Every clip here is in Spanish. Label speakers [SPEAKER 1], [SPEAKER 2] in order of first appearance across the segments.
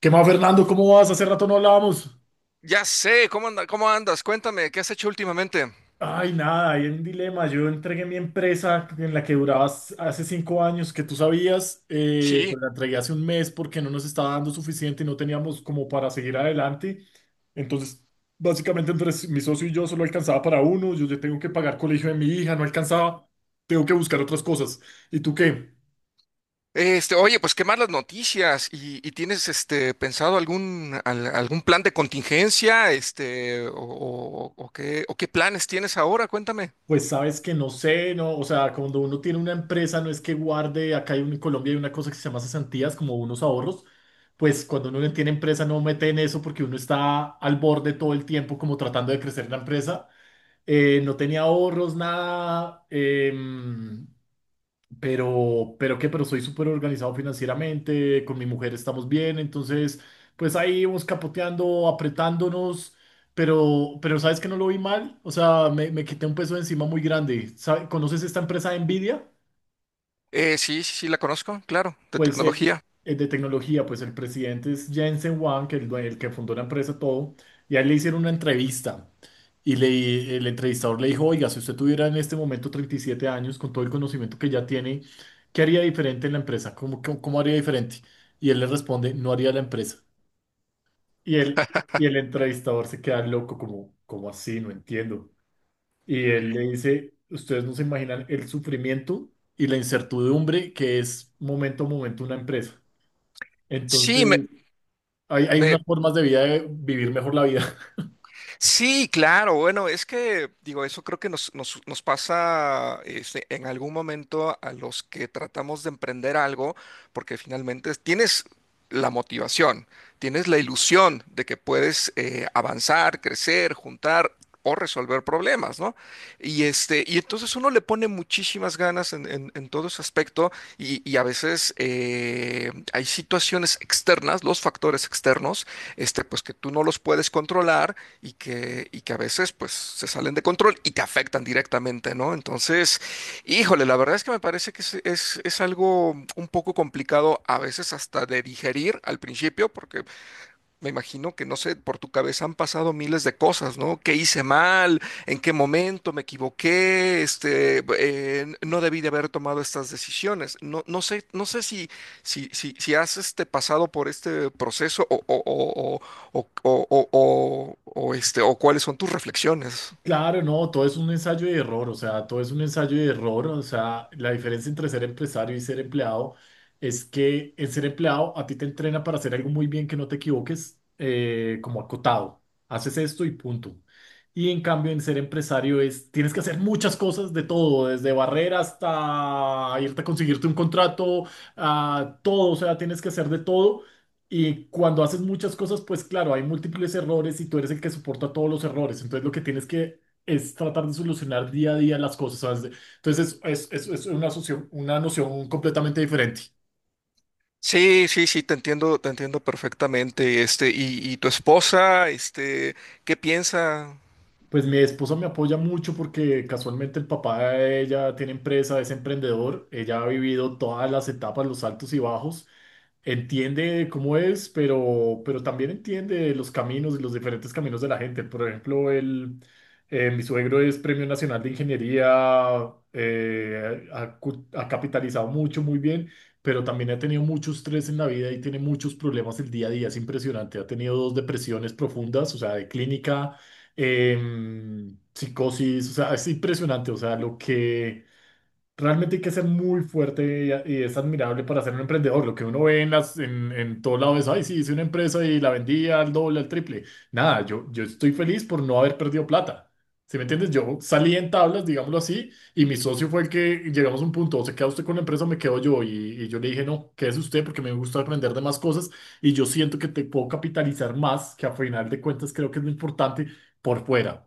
[SPEAKER 1] ¿Qué más, Fernando? ¿Cómo vas? Hace rato no hablábamos.
[SPEAKER 2] Ya sé, ¿cómo anda- cómo andas? Cuéntame, ¿qué has hecho últimamente?
[SPEAKER 1] Ay, nada, hay un dilema. Yo entregué mi empresa en la que durabas hace 5 años, que tú sabías,
[SPEAKER 2] Sí.
[SPEAKER 1] pues la entregué hace un mes porque no nos estaba dando suficiente y no teníamos como para seguir adelante. Entonces, básicamente entre mi socio y yo solo alcanzaba para uno. Yo ya tengo que pagar colegio de mi hija, no alcanzaba. Tengo que buscar otras cosas. ¿Y tú qué?
[SPEAKER 2] Oye, pues qué más las noticias. ¿Y tienes pensado algún al- algún plan de contingencia? ¿O, o qué planes tienes ahora? Cuéntame.
[SPEAKER 1] Pues sabes que no sé, no, o sea, cuando uno tiene una empresa no es que guarde, acá hay en Colombia hay una cosa que se llama cesantías, como unos ahorros, pues cuando uno no tiene empresa no mete en eso porque uno está al borde todo el tiempo como tratando de crecer la empresa. No tenía ahorros, nada, pero, pero soy súper organizado financieramente, con mi mujer estamos bien, entonces, pues ahí íbamos capoteando, apretándonos, pero ¿sabes que no lo vi mal? O sea, me quité un peso de encima muy grande. ¿Conoces esta empresa de Nvidia?
[SPEAKER 2] Sí, sí, sí, la conozco, claro, de
[SPEAKER 1] Pues el,
[SPEAKER 2] tecnología.
[SPEAKER 1] el de tecnología, pues el presidente es Jensen Huang, el que fundó la empresa todo, y a él le hicieron una entrevista. El entrevistador le dijo, oiga, si usted tuviera en este momento 37 años, con todo el conocimiento que ya tiene, ¿qué haría diferente en la empresa? ¿Cómo haría diferente? Y él le responde, no haría la empresa. Y él, y el entrevistador se queda loco, ¿como así? No entiendo. Y él le dice, ustedes no se imaginan el sufrimiento y la incertidumbre que es momento a momento una empresa.
[SPEAKER 2] Sí, me,
[SPEAKER 1] Entonces, hay
[SPEAKER 2] me,
[SPEAKER 1] unas formas de vida de vivir mejor la vida.
[SPEAKER 2] Sí, claro, bueno, es que digo, eso creo que nos pasa en algún momento a los que tratamos de emprender algo, porque finalmente tienes la motivación, tienes la ilusión de que puedes avanzar, crecer, juntar o resolver problemas, ¿no? Y entonces uno le pone muchísimas ganas en, en todo ese aspecto, y a veces hay situaciones externas, los factores externos, pues que tú no los puedes controlar y que a veces pues se salen de control y te afectan directamente, ¿no? Entonces, híjole, la verdad es que me parece que es algo un poco complicado a veces hasta de digerir al principio, porque me imagino que, no sé, por tu cabeza han pasado miles de cosas, ¿no? ¿Qué hice mal? ¿En qué momento me equivoqué? No debí de haber tomado estas decisiones. No, no sé, no sé si, si has pasado por este proceso o, o, o, o, o, este, o cuáles son tus reflexiones.
[SPEAKER 1] Claro, no, todo es un ensayo y error, o sea, todo es un ensayo y error, o sea, la diferencia entre ser empresario y ser empleado es que en ser empleado a ti te entrena para hacer algo muy bien que no te equivoques, como acotado, haces esto y punto. Y en cambio en ser empresario es, tienes que hacer muchas cosas de todo, desde barrer hasta irte a conseguirte un contrato, a todo, o sea, tienes que hacer de todo. Y cuando haces muchas cosas, pues claro, hay múltiples errores y tú eres el que soporta todos los errores. Entonces lo que tienes que es tratar de solucionar día a día las cosas, ¿sabes? Entonces es una noción completamente diferente.
[SPEAKER 2] Sí, sí, sí, te entiendo perfectamente. ¿Y, y tu esposa, qué piensa?
[SPEAKER 1] Pues mi esposa me apoya mucho porque casualmente el papá de ella tiene empresa, es emprendedor, ella ha vivido todas las etapas, los altos y bajos, entiende cómo es, pero también entiende los caminos y los diferentes caminos de la gente. Por ejemplo, mi suegro es Premio Nacional de Ingeniería, ha capitalizado mucho, muy bien, pero también ha tenido mucho estrés en la vida y tiene muchos problemas el día a día, es impresionante, ha tenido dos depresiones profundas, o sea, de clínica psicosis, o sea, es impresionante, o sea, lo que, realmente hay que ser muy fuerte y es admirable para ser un emprendedor. Lo que uno ve en todo lado es, ay, sí, hice una empresa y la vendí al doble, al triple. Nada, yo estoy feliz por no haber perdido plata. ¿Sí me entiendes? Yo salí en tablas, digámoslo así, y mi socio fue el que llegamos a un punto, o se queda usted con la empresa o me quedo yo. Y yo le dije, no, quédese usted porque me gusta aprender de más cosas y yo siento que te puedo capitalizar más, que a final de cuentas creo que es lo importante por fuera.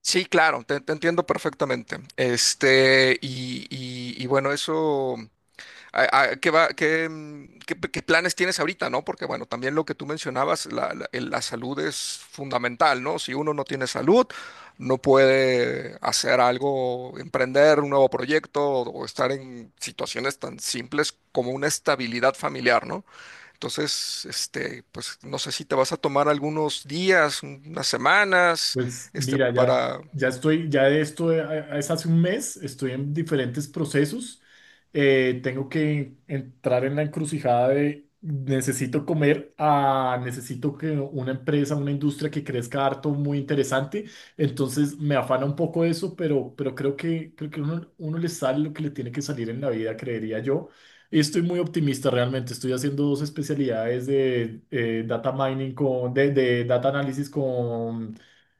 [SPEAKER 2] Sí, claro, te entiendo perfectamente. Y, y bueno, eso, ¿qué va, qué qué planes tienes ahorita, ¿no? Porque bueno, también lo que tú mencionabas, la, la salud es fundamental, ¿no? Si uno no tiene salud, no puede hacer algo, emprender un nuevo proyecto o estar en situaciones tan simples como una estabilidad familiar, ¿no? Entonces, pues no sé si te vas a tomar algunos días, unas semanas
[SPEAKER 1] Pues mira, ya,
[SPEAKER 2] para...
[SPEAKER 1] ya estoy, ya de esto es hace un mes, estoy en diferentes procesos. Tengo que entrar en la encrucijada de necesito comer a necesito que una empresa, una industria que crezca harto, muy interesante. Entonces me afana un poco eso, pero creo que, uno le sale lo que le tiene que salir en la vida, creería yo. Y estoy muy optimista realmente. Estoy haciendo dos especialidades de data mining de data análisis con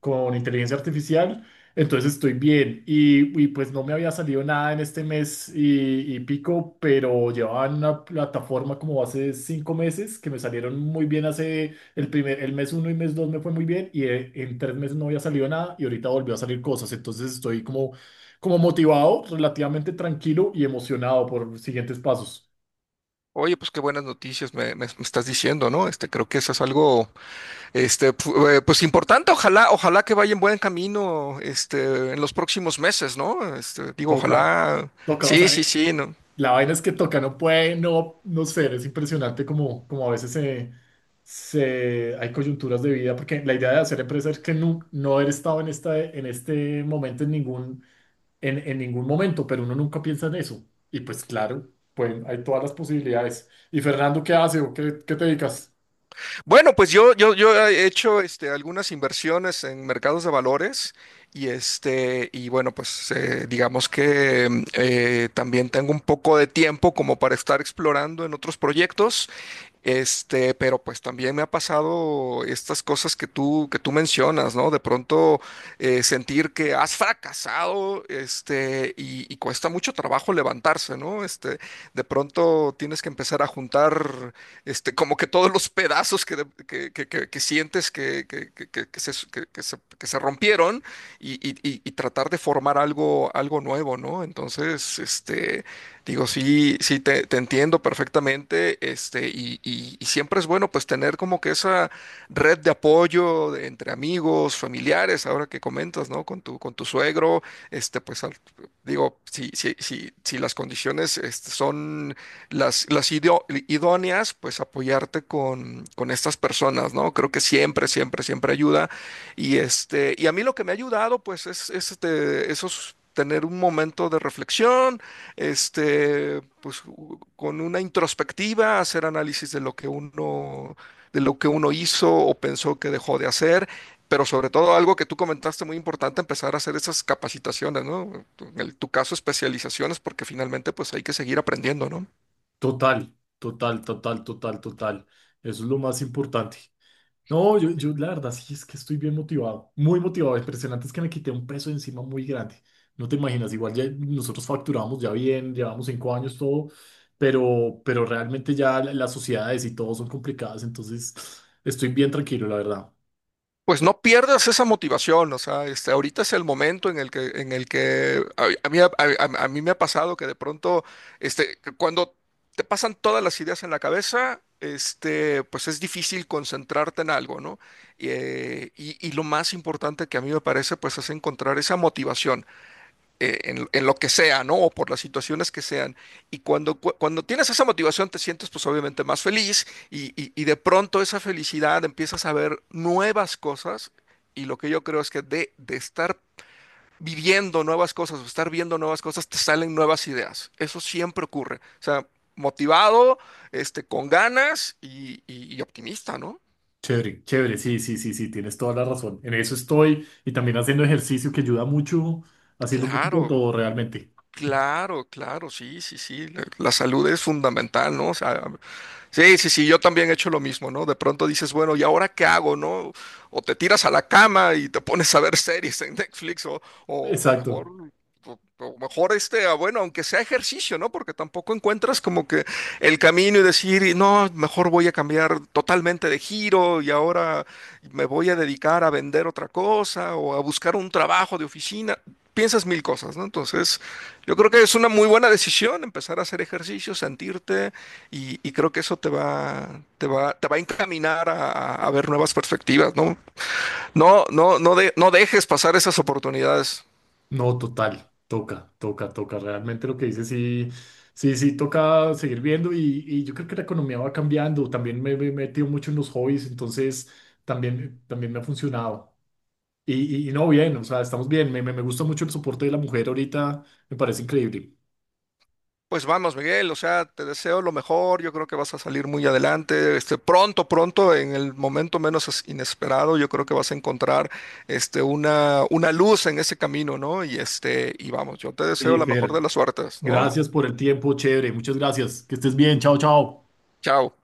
[SPEAKER 1] con inteligencia artificial, entonces estoy bien. Y, pues no me había salido nada en este mes y pico, pero llevaba en una plataforma como hace 5 meses que me salieron muy bien hace el mes uno y mes dos me fue muy bien y en 3 meses no había salido nada y ahorita volvió a salir cosas, entonces estoy como, motivado, relativamente tranquilo y emocionado por siguientes pasos.
[SPEAKER 2] Oye, pues qué buenas noticias me, me estás diciendo, ¿no? Creo que eso es algo, pues importante. Ojalá, ojalá que vaya en buen camino, en los próximos meses, ¿no? Digo,
[SPEAKER 1] Toca,
[SPEAKER 2] ojalá.
[SPEAKER 1] toca, o
[SPEAKER 2] Sí, sí,
[SPEAKER 1] sea,
[SPEAKER 2] sí, ¿no?
[SPEAKER 1] la vaina es que toca, no puede, no, no ser, es impresionante como a veces se, se, hay coyunturas de vida, porque la idea de hacer empresa es que no, no haber estado en este momento en ningún, en ningún momento, pero uno nunca piensa en eso. Y pues claro, pues hay todas las posibilidades. ¿Y Fernando qué hace o qué te dedicas?
[SPEAKER 2] Bueno, pues yo he hecho, algunas inversiones en mercados de valores y y bueno, pues digamos que también tengo un poco de tiempo como para estar explorando en otros proyectos. Pero pues también me ha pasado estas cosas que tú mencionas, ¿no? De pronto sentir que has fracasado, y cuesta mucho trabajo levantarse, ¿no? De pronto tienes que empezar a juntar, como que todos los pedazos que, que sientes que, que se rompieron y, y tratar de formar algo, algo nuevo, ¿no? Entonces, este... Digo, sí, sí, te entiendo perfectamente, y, y siempre es bueno pues tener como que esa red de apoyo entre amigos, familiares, ahora que comentas, ¿no? Con tu suegro, pues digo, si, si, si, si las condiciones son las, idóneas, pues apoyarte con estas personas, ¿no? Creo que siempre, siempre, siempre ayuda. Y a mí lo que me ha ayudado, pues, esos tener un momento de reflexión pues con una introspectiva, hacer análisis de lo que uno, de lo que uno hizo o pensó que dejó de hacer, pero sobre todo algo que tú comentaste muy importante, empezar a hacer esas capacitaciones, ¿no? En tu caso, especializaciones, porque finalmente pues hay que seguir aprendiendo, ¿no?
[SPEAKER 1] Total, total, total, total, total. Eso es lo más importante. No, yo la verdad sí es que estoy bien motivado, muy motivado. Impresionante es que me quité un peso de encima muy grande. No te imaginas, igual ya nosotros facturamos ya bien, llevamos 5 años todo, pero realmente ya las sociedades y todo son complicadas, entonces estoy bien tranquilo, la verdad.
[SPEAKER 2] Pues no pierdas esa motivación, o sea, ahorita es el momento en el que a mí me ha pasado que de pronto, que cuando te pasan todas las ideas en la cabeza, pues es difícil concentrarte en algo, ¿no? Y, y lo más importante que a mí me parece, pues, es encontrar esa motivación en lo que sea, ¿no? O por las situaciones que sean. Y cuando, cuando tienes esa motivación te sientes pues obviamente más feliz y, y de pronto esa felicidad empiezas a ver nuevas cosas y lo que yo creo es que de estar viviendo nuevas cosas o estar viendo nuevas cosas te salen nuevas ideas. Eso siempre ocurre. O sea, motivado, con ganas y, y optimista, ¿no?
[SPEAKER 1] Chévere, chévere, sí, sí, sí, sí, tienes toda la razón. En eso estoy y también haciendo ejercicio que ayuda mucho, haciendo un poquito de
[SPEAKER 2] Claro.
[SPEAKER 1] todo realmente.
[SPEAKER 2] Claro, claro, sí, sí, sí. La salud es fundamental, ¿no? O sea, sí, sí, sí, yo también he hecho lo mismo, ¿no? De pronto dices, bueno, ¿y ahora qué hago, no? O te tiras a la cama y te pones a ver series en Netflix, o mejor,
[SPEAKER 1] Exacto.
[SPEAKER 2] bueno, aunque sea ejercicio, ¿no? Porque tampoco encuentras como que el camino y decir, "Y no, mejor voy a cambiar totalmente de giro y ahora me voy a dedicar a vender otra cosa o a buscar un trabajo de oficina". Piensas mil cosas, ¿no? Entonces, yo creo que es una muy buena decisión empezar a hacer ejercicio, sentirte y creo que eso te va, te va a encaminar a, a ver nuevas perspectivas, ¿no? No, no, no, no dejes pasar esas oportunidades.
[SPEAKER 1] No, total, toca, toca, toca. Realmente lo que dice sí, sí, sí, toca seguir viendo y yo creo que la economía va cambiando. También me he metido mucho en los hobbies, entonces también, también me ha funcionado. Y, y no, bien, o sea, estamos bien. Me gusta mucho el soporte de la mujer ahorita, me parece increíble.
[SPEAKER 2] Pues vamos, Miguel, o sea, te deseo lo mejor, yo creo que vas a salir muy adelante, pronto, pronto, en el momento menos inesperado, yo creo que vas a encontrar, una luz en ese camino, ¿no? Y vamos, yo te deseo
[SPEAKER 1] Y
[SPEAKER 2] la mejor de
[SPEAKER 1] Fer,
[SPEAKER 2] las suertes, ¿no?
[SPEAKER 1] gracias por el tiempo, chévere, muchas gracias. Que estés bien, chao, chao.
[SPEAKER 2] Chao.